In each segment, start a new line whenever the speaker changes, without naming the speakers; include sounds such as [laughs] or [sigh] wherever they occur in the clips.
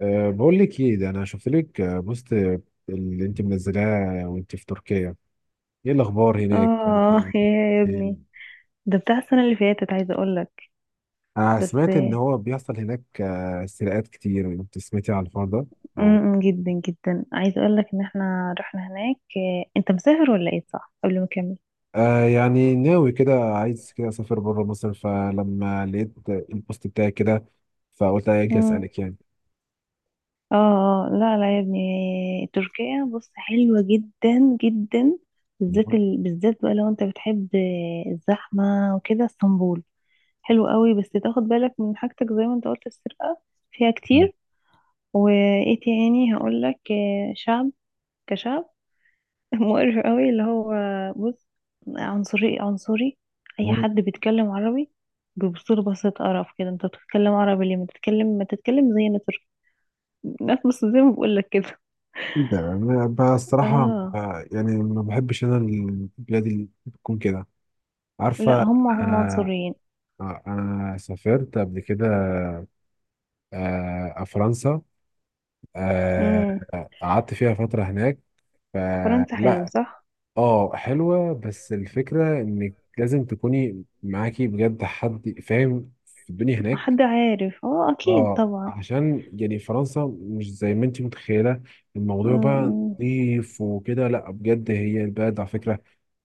بقول لك ايه ده، انا شفت لك بوست اللي انت منزلاه وانت في تركيا. ايه الاخبار هناك؟
اه، يا يا ابني، ده بتاع السنة اللي فاتت، عايزة اقولك
انا
بس.
سمعت ان هو بيحصل هناك سرقات كتير، انت سمعتي عن الحوار ده؟ او،
جدا جدا عايزة اقولك ان احنا رحنا هناك. انت مسافر ولا ايه؟ صح، قبل ما اكمل.
يعني ناوي كده، عايز كده اسافر بره مصر، فلما لقيت البوست بتاعي كده فقلت اجي
امم.
اسالك يعني.
اه، لا لا يا ابني، تركيا بص حلوة جدا جدا. بالذات
مم.
بالذات بقى لو انت بتحب الزحمة وكده. اسطنبول حلو قوي، بس تاخد بالك من حاجتك زي ما انت قلت السرقة فيها كتير. وايه تاني هقولك؟ شعب كشعب مقرف قوي، اللي هو بص عنصري عنصري. اي
مم.
حد بيتكلم عربي بيبصله بصة قرف كده، انت بتتكلم عربي ليه؟ ما تتكلم ما تتكلم زينا ترك ناس [laughs] بس زي ما بقول لك كده.
ايه ده، انا بقى الصراحه
اه،
يعني ما بحبش انا البلاد اللي بتكون كده،
لا
عارفه.
هم هم
آه،
عنصريين.
أنا سافرت قبل كده، فرنسا. آه،
امم.
قعدت فيها فترة هناك،
فرنسا حلو،
فلا.
صح؟
اه حلوة، بس الفكرة إنك لازم تكوني معاكي بجد حد فاهم في الدنيا هناك.
حد عارف، اه اكيد
اه
طبعا.
عشان يعني فرنسا مش زي ما انت متخيلة، الموضوع بقى
امم،
نظيف وكده. لا بجد هي البلد على فكرة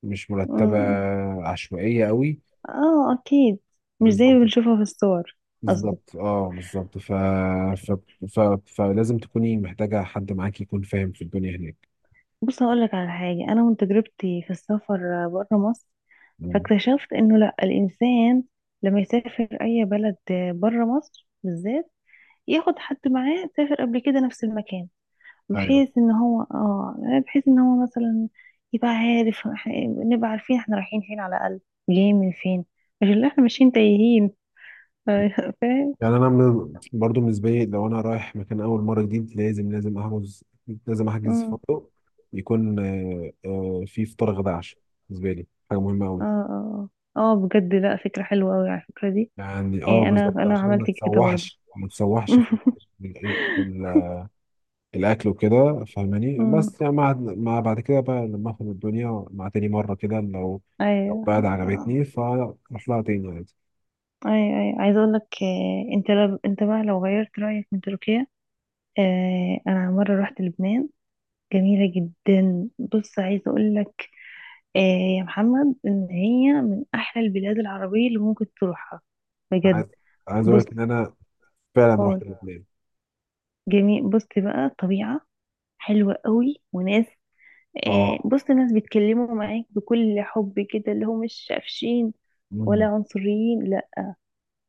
مش مرتبة،
امم،
عشوائية قوي.
اه اكيد، مش زي ما
بالظبط،
بنشوفها في الصور. قصدي
بالظبط اه بالظبط، ف... ف... فلازم تكوني محتاجة حد معاك يكون فاهم في الدنيا هناك.
بص هقول لك على حاجه، انا من تجربتي في السفر بره مصر،
مم.
فاكتشفت انه لا، الانسان لما يسافر اي بلد بره مصر بالذات، ياخد حد معاه سافر قبل كده نفس المكان،
ايوه،
بحيث ان هو يعني بحيث ان هو مثلا يبقى عارف، نبقى عارفين احنا رايحين فين على الاقل، جايين من فين، مش اللي احنا ماشيين تايهين [laughs] فاهم؟
يعني انا برضو بالنسبة لي، لو انا رايح مكان اول مرة جديد لازم لازم احجز لازم احجز
أمم.
فندق، يكون فيه فطار غدا عشاء. بالنسبة لي حاجة مهمة
اه
قوي.
اه، اه، بجد لا، فكرة حلوة قوي على الفكرة دي.
يعني
إيه، انا
بالظبط،
انا
عشان
عملت
ما
كده برضو
تسوحش ما تسوحش في
[laughs]
الاكل وكده، فاهماني.
أمم.
بس يعني مع بعد كده بقى لما افهم الدنيا مع تاني مره كده، لو بعد
ايوه آه.
عجبتني فاروح لها تاني عادي.
اي، اي، عايزه اقول لك انت، لو انت بقى لو غيرت رايك من تركيا، انا مره رحت لبنان، جميله جدا. بص عايزه اقول لك آه، يا محمد ان هي من احلى البلاد العربيه اللي ممكن تروحها،
عايز
بجد.
عايز اقول
بص
لك ان انا فعلا رحت
اه
لبنان.
جميل. بص بقى طبيعه حلوه قوي، وناس،
اه.
بص ناس بيتكلموا معاك بكل حب كده، اللي هو مش قافشين ولا
مم.
عنصريين، لا.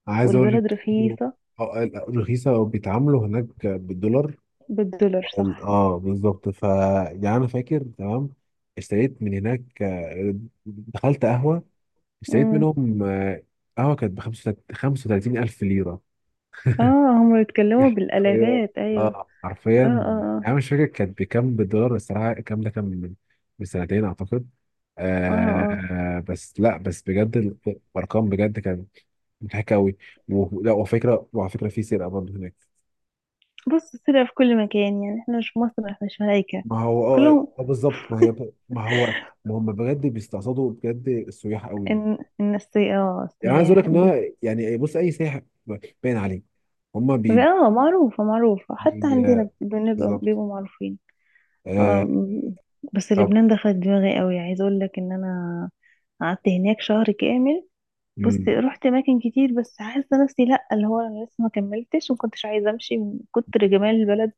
عايز اقول لك
والبلد
إنه-
رخيصه،
رخيصه وبيتعاملوا هناك بالدولار.
بالدولار صح.
اه بالظبط، ف يعني انا فاكر تمام اشتريت من هناك، دخلت قهوه، اشتريت منهم قهوه كانت ب 35 الف ليره
اه، هم بيتكلموا
حرفيا.
بالالافات، ايوه.
اه حرفيا
اه،
يعني
اه،
انا مش فاكر كانت بكام بالدولار الصراحه، الكلام ده كان من سنتين اعتقد.
اه، اه، اه،
بس لا بس بجد، الارقام بجد كانت مضحكه قوي. ولا وفكره، وعلى فكره في سرقه برضه هناك.
بص، السرقة في كل مكان يعني، احنا مش في مصر احنا مش ملايكة
ما هو اه
كلهم.
بالظبط ما هي ما هو، ما هم بجد بيستقصدوا بجد السياح قوي.
ان
يعني عايز اقول
السياح
لك ان هو يعني بص، اي سائح باين عليه هم بي
معروفة معروفة حتى
بي
عندنا بنبقى
بالظبط.
بيبقوا معروفين.
آه
اه م- بس
طب.
لبنان دخلت دماغي قوي، عايز اقول لك ان انا قعدت هناك شهر كامل. بص
مم.
رحت اماكن كتير، بس حاسه نفسي لا، اللي هو انا لسه ما كملتش وما كنتش عايزه امشي من كتر جمال البلد.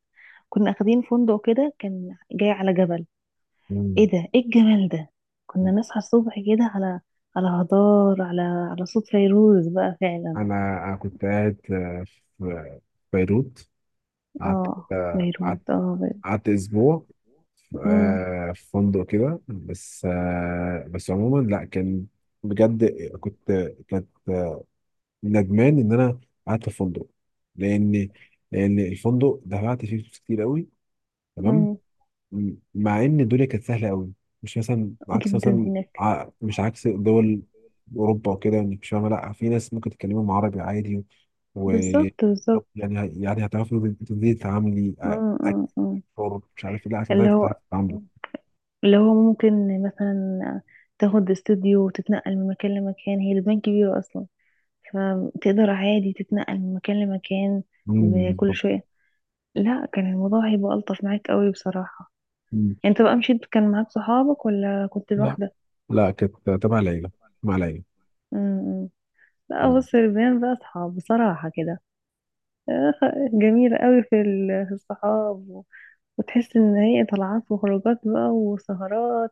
كنا اخدين فندق كده كان جاي على جبل، ايه ده، ايه الجمال ده. كنا
مم.
نصحى الصبح كده على هضار، على صوت فيروز بقى فعلا.
انا كنت قاعد في بيروت. قعدت
اه
آه،
فيروز،
قعدت
اه فيروز.
قعدت اسبوع في
أمم،
في فندق كده، بس بس عموما لا، كان بجد كنت كانت ندمان ان انا قعدت في فندق، لان لان الفندق دفعت فيه فلوس كتير قوي تمام.
أمم.
مع ان الدنيا كانت سهله قوي، مش مثلا عكس
جدا
مثلا،
هناك.
مش عكس دول اوروبا وكده انك مش فاهمه، لا في ناس ممكن تتكلمهم عربي عادي. و
بالظبط بالظبط.
يعني هتعرفي تبتدي تتعاملي
أمم، أمم، أمم.
اكثر، مش عارف ايه، لا هتبداي
اللي هو
تعرفي تتعاملي.
اللي هو ممكن مثلا تاخد استوديو وتتنقل من مكان لمكان، هي البنك كبيرة اصلا، فتقدر عادي تتنقل من مكان لمكان
مم،
بكل
بالظبط.
شوية. لا، كان الموضوع هيبقى ألطف معاك قوي بصراحة.
مم.
انت بقى مشيت كان معاك صحابك ولا كنت
لا،
لوحدك؟
لا كانت تبع ليلى، مع ليلى.
امم. لا
مم.
بص، البيان بقى صحاب بصراحة كده. آخ، جميلة قوي في في الصحاب، وتحس ان هي طلعات وخروجات بقى وسهرات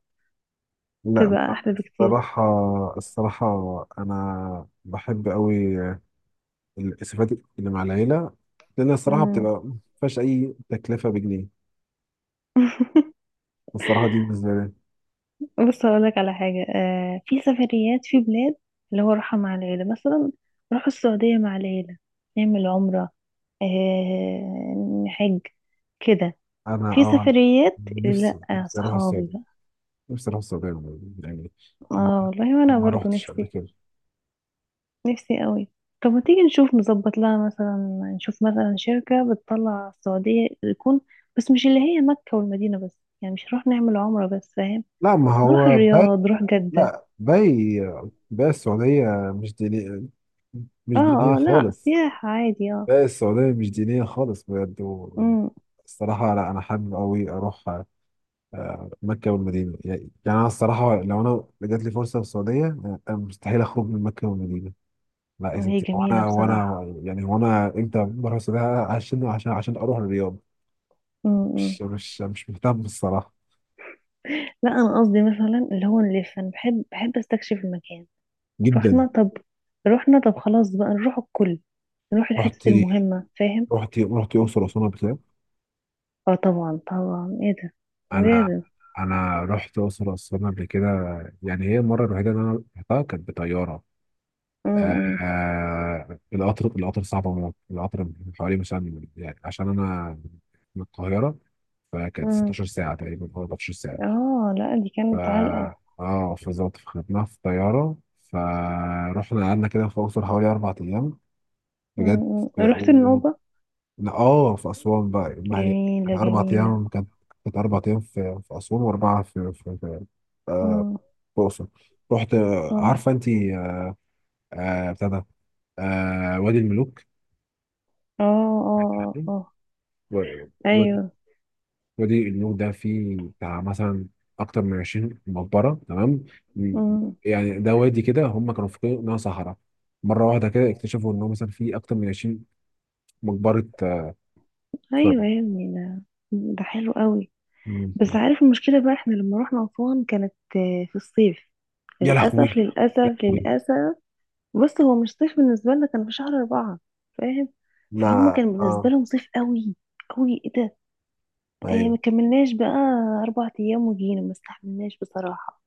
لا،
تبقى احلى بكتير.
الصراحة، الصراحة أنا بحب أوي الإسفات اللي مع العيلة، لأن الصراحة
امم.
بتبقى ما فيهاش أي تكلفة بجنيه الصراحة دي بالنسبة لي.
بص اقولك على حاجة، في سفريات في بلاد اللي هو راحة مع العيلة، مثلا نروح السعودية مع العيلة، نعمل عمرة، نحج كده.
أنا
في سفريات
نفسي،
لا
نفسي أروح
صحابي
السعودية،
بقى.
نفسي أروح السعودية، يعني ما
اه والله، وانا
ما
برضو
روحتش قبل
نفسي،
كده.
نفسي قوي. طب ما تيجي نشوف، نظبط لها مثلا، نشوف مثلا شركة بتطلع السعودية، يكون بس مش اللي هي مكة والمدينة بس، يعني مش نروح نعمل عمرة بس فاهم؟
لا ما
نروح
هو باين،
الرياض، نروح جدة.
لا باي السعودية مش دينية،
اه،
مش دينية
اه، لا
خالص.
سياحة عادي، اه.
باي السعودية مش دينية خالص بجد.
امم،
الصراحة لا، أنا حابب أوي أروح مكة والمدينة، يعني أنا الصراحة لو أنا جات لي فرصة في السعودية، أنا مستحيل أخرج من مكة والمدينة. لا يا
وهي
ستي،
جميلة
وأنا وأنا
بصراحة.
يعني وأنا إمتى بروح السعودية عشان أروح الرياض؟
امم.
مش مهتم الصراحة.
لا انا قصدي مثلا اللي هو نلف، انا بحب بحب استكشف المكان. رحنا
جدا.
طب، رحنا طب. خلاص بقى نروح الكل، نروح
رحت
الحتت المهمة فاهم؟
رحت الأقصر وأسوان قبل كده.
اه طبعا طبعا، ايه ده
انا
لازم.
انا رحت اقصر واسوان قبل كده. يعني هي المره الوحيده اللي انا رحتها كانت بطياره.
م- م-
القطر صعب موت، القطر من حوالي مثلا يعني عشان انا من القاهره، فكانت
م.
16 ساعه تقريبا او 14 ساعه.
اه لا، دي
ف
كانت علقة.
اه بالظبط، فخدناها في طياره، فرحنا قعدنا كده في الاقصر حوالي 4 ايام بجد.
م- م. رحت النوبة،
لا اه، في أسوان بقى، ما هي
جميلة
أربع
جميلة.
أيام كانت، كانت 4 أيام في أسوان، وأربعة في آه،
اه،
في الأقصر. رحت
اه،
عارفة أنت بتاع ده وادي الملوك،
اه،
سمعت
اه،
عنه؟
آه.
و- وادي
ايوه.
وادي الملوك ده فيه بتاع مثلا أكتر من 20 مقبرة تمام. م-
مم.
يعني ده وادي كده، هم كانوا فاكرين إنها صحراء، مرة واحدة كده اكتشفوا إنه مثلا فيه أكتر من 20 مقبرة،
ايوه
فرعون.
يا ابني، ده، ده حلو قوي.
مم.
بس عارف المشكله بقى، احنا لما رحنا اسوان كانت في الصيف.
يا
للاسف
لهوي، يا
للاسف
لهوي.
للاسف. بص هو مش صيف بالنسبة لنا، كان في شهر 4 فاهم؟ فهم
لا،
كان بالنسبة
اه،
لهم صيف قوي قوي، ايه ده. آه، ما
ايوه.
كملناش بقى 4 أيام وجينا، ما استحملناش بصراحة.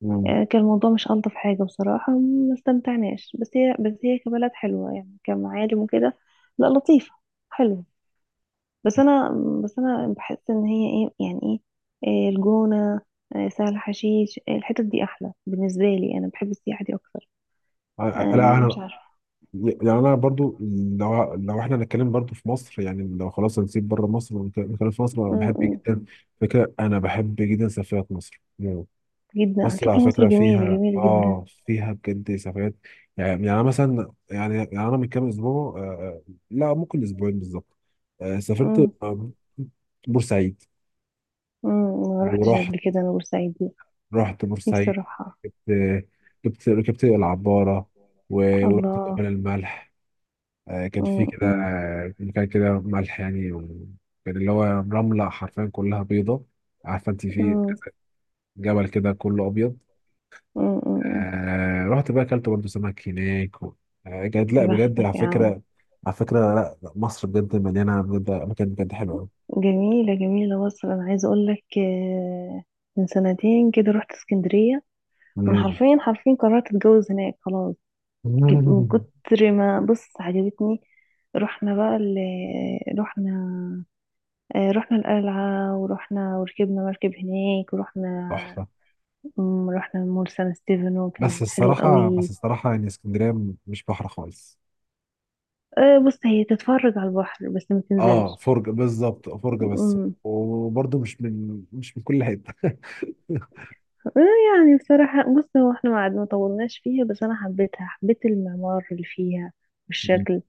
مم.
آه، كان الموضوع مش ألطف حاجة، بصراحة ما استمتعناش، بس هي كبلد حلوة يعني، كمعالم وكده، لا لطيفة حلوة. بس أنا بس أنا بحس إن هي ايه يعني ايه؟ آه الجونة، آه سهل حشيش، آه الحتت دي أحلى بالنسبة لي، أنا بحب السياحة دي أكتر.
لا
آه مش
انا،
عارفة.
يعني انا برضو، لو احنا هنتكلم برضو في مصر، يعني لو خلاص هنسيب بره مصر ونتكلم في مصر، انا
م-
بحب
م.
جدا فكره، انا بحب جدا سفريات مصر. مم.
جدا، على
مصر على
فكرة مصر
فكره
جميلة
فيها
جميلة جدا.
فيها بجد سفريات. يعني أنا مثلا يعني انا من كام اسبوع، لا ممكن اسبوعين بالظبط، سافرت
امم
بورسعيد.
ما رحتش
ورحت
قبل كده انا بورسعيد دي،
رحت
نفسي
بورسعيد.
اروحها.
جبت جبت ركبت العباره، ورحت جبل
الله.
الملح. كان في
امم
كده
امم
مكان كده ملح يعني، وكان اللي هو رملة، حرفيا كلها بيضة، عارفة انت في
امم
جبل كده كله أبيض.
أمم.
رحت بقى أكلت برضه سمك هناك بجد، لا
يا
بجد على
بختك يا عم.
فكرة. على فكرة لا، لا، مصر بجد مليانة بجد أماكن بجد حلوة أوي.
جميلة جميلة مصر. انا عايزة اقول لك من سنتين كده رحت اسكندرية، انا
مم.
حرفيا حرفيا قررت اتجوز هناك خلاص. من
[laughs]
كتر ما بص عجبتني. رحنا بقى ال رحنا آه، رحنا القلعة، ورحنا وركبنا مركب هناك، ورحنا.
تحفة.
مم، رحنا مول سان ستيفانو كان حلو قوي.
بس الصراحة يعني اسكندرية، مش بحر خالص.
أه بص، هي تتفرج على البحر بس ما
اه
تنزلش.
فرجة، بالظبط فرجة بس،
مم.
وبرضه مش من مش من كل حتة.
أه يعني بصراحة بص، هو احنا ما طولناش فيها، بس انا حبيتها، حبيت المعمار اللي فيها والشكل.
[laughs]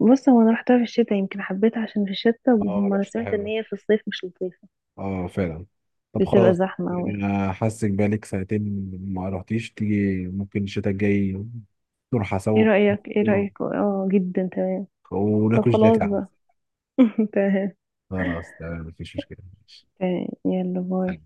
بص هو انا رحتها في الشتاء يمكن حبيتها عشان في الشتاء،
اه
وهم انا
لوحتها
سمعت ان
حلوة.
هي في الصيف مش لطيفة،
اه فعلا. طب
بتبقى
خلاص،
زحمة
يعني
قوي.
انا حاسك بقالك ساعتين، ما رحتيش تيجي ممكن الشتاء الجاي نروح
ايه
سوا.
رأيك ايه
[laughs]
رأيك اه جدا تمام. طب
وناكل جيلاتي
خلاص
يا عم.
بقى [laughs] تمام.
خلاص تمام، مفيش مشكلة، ماشي.
تمام، يلا باي.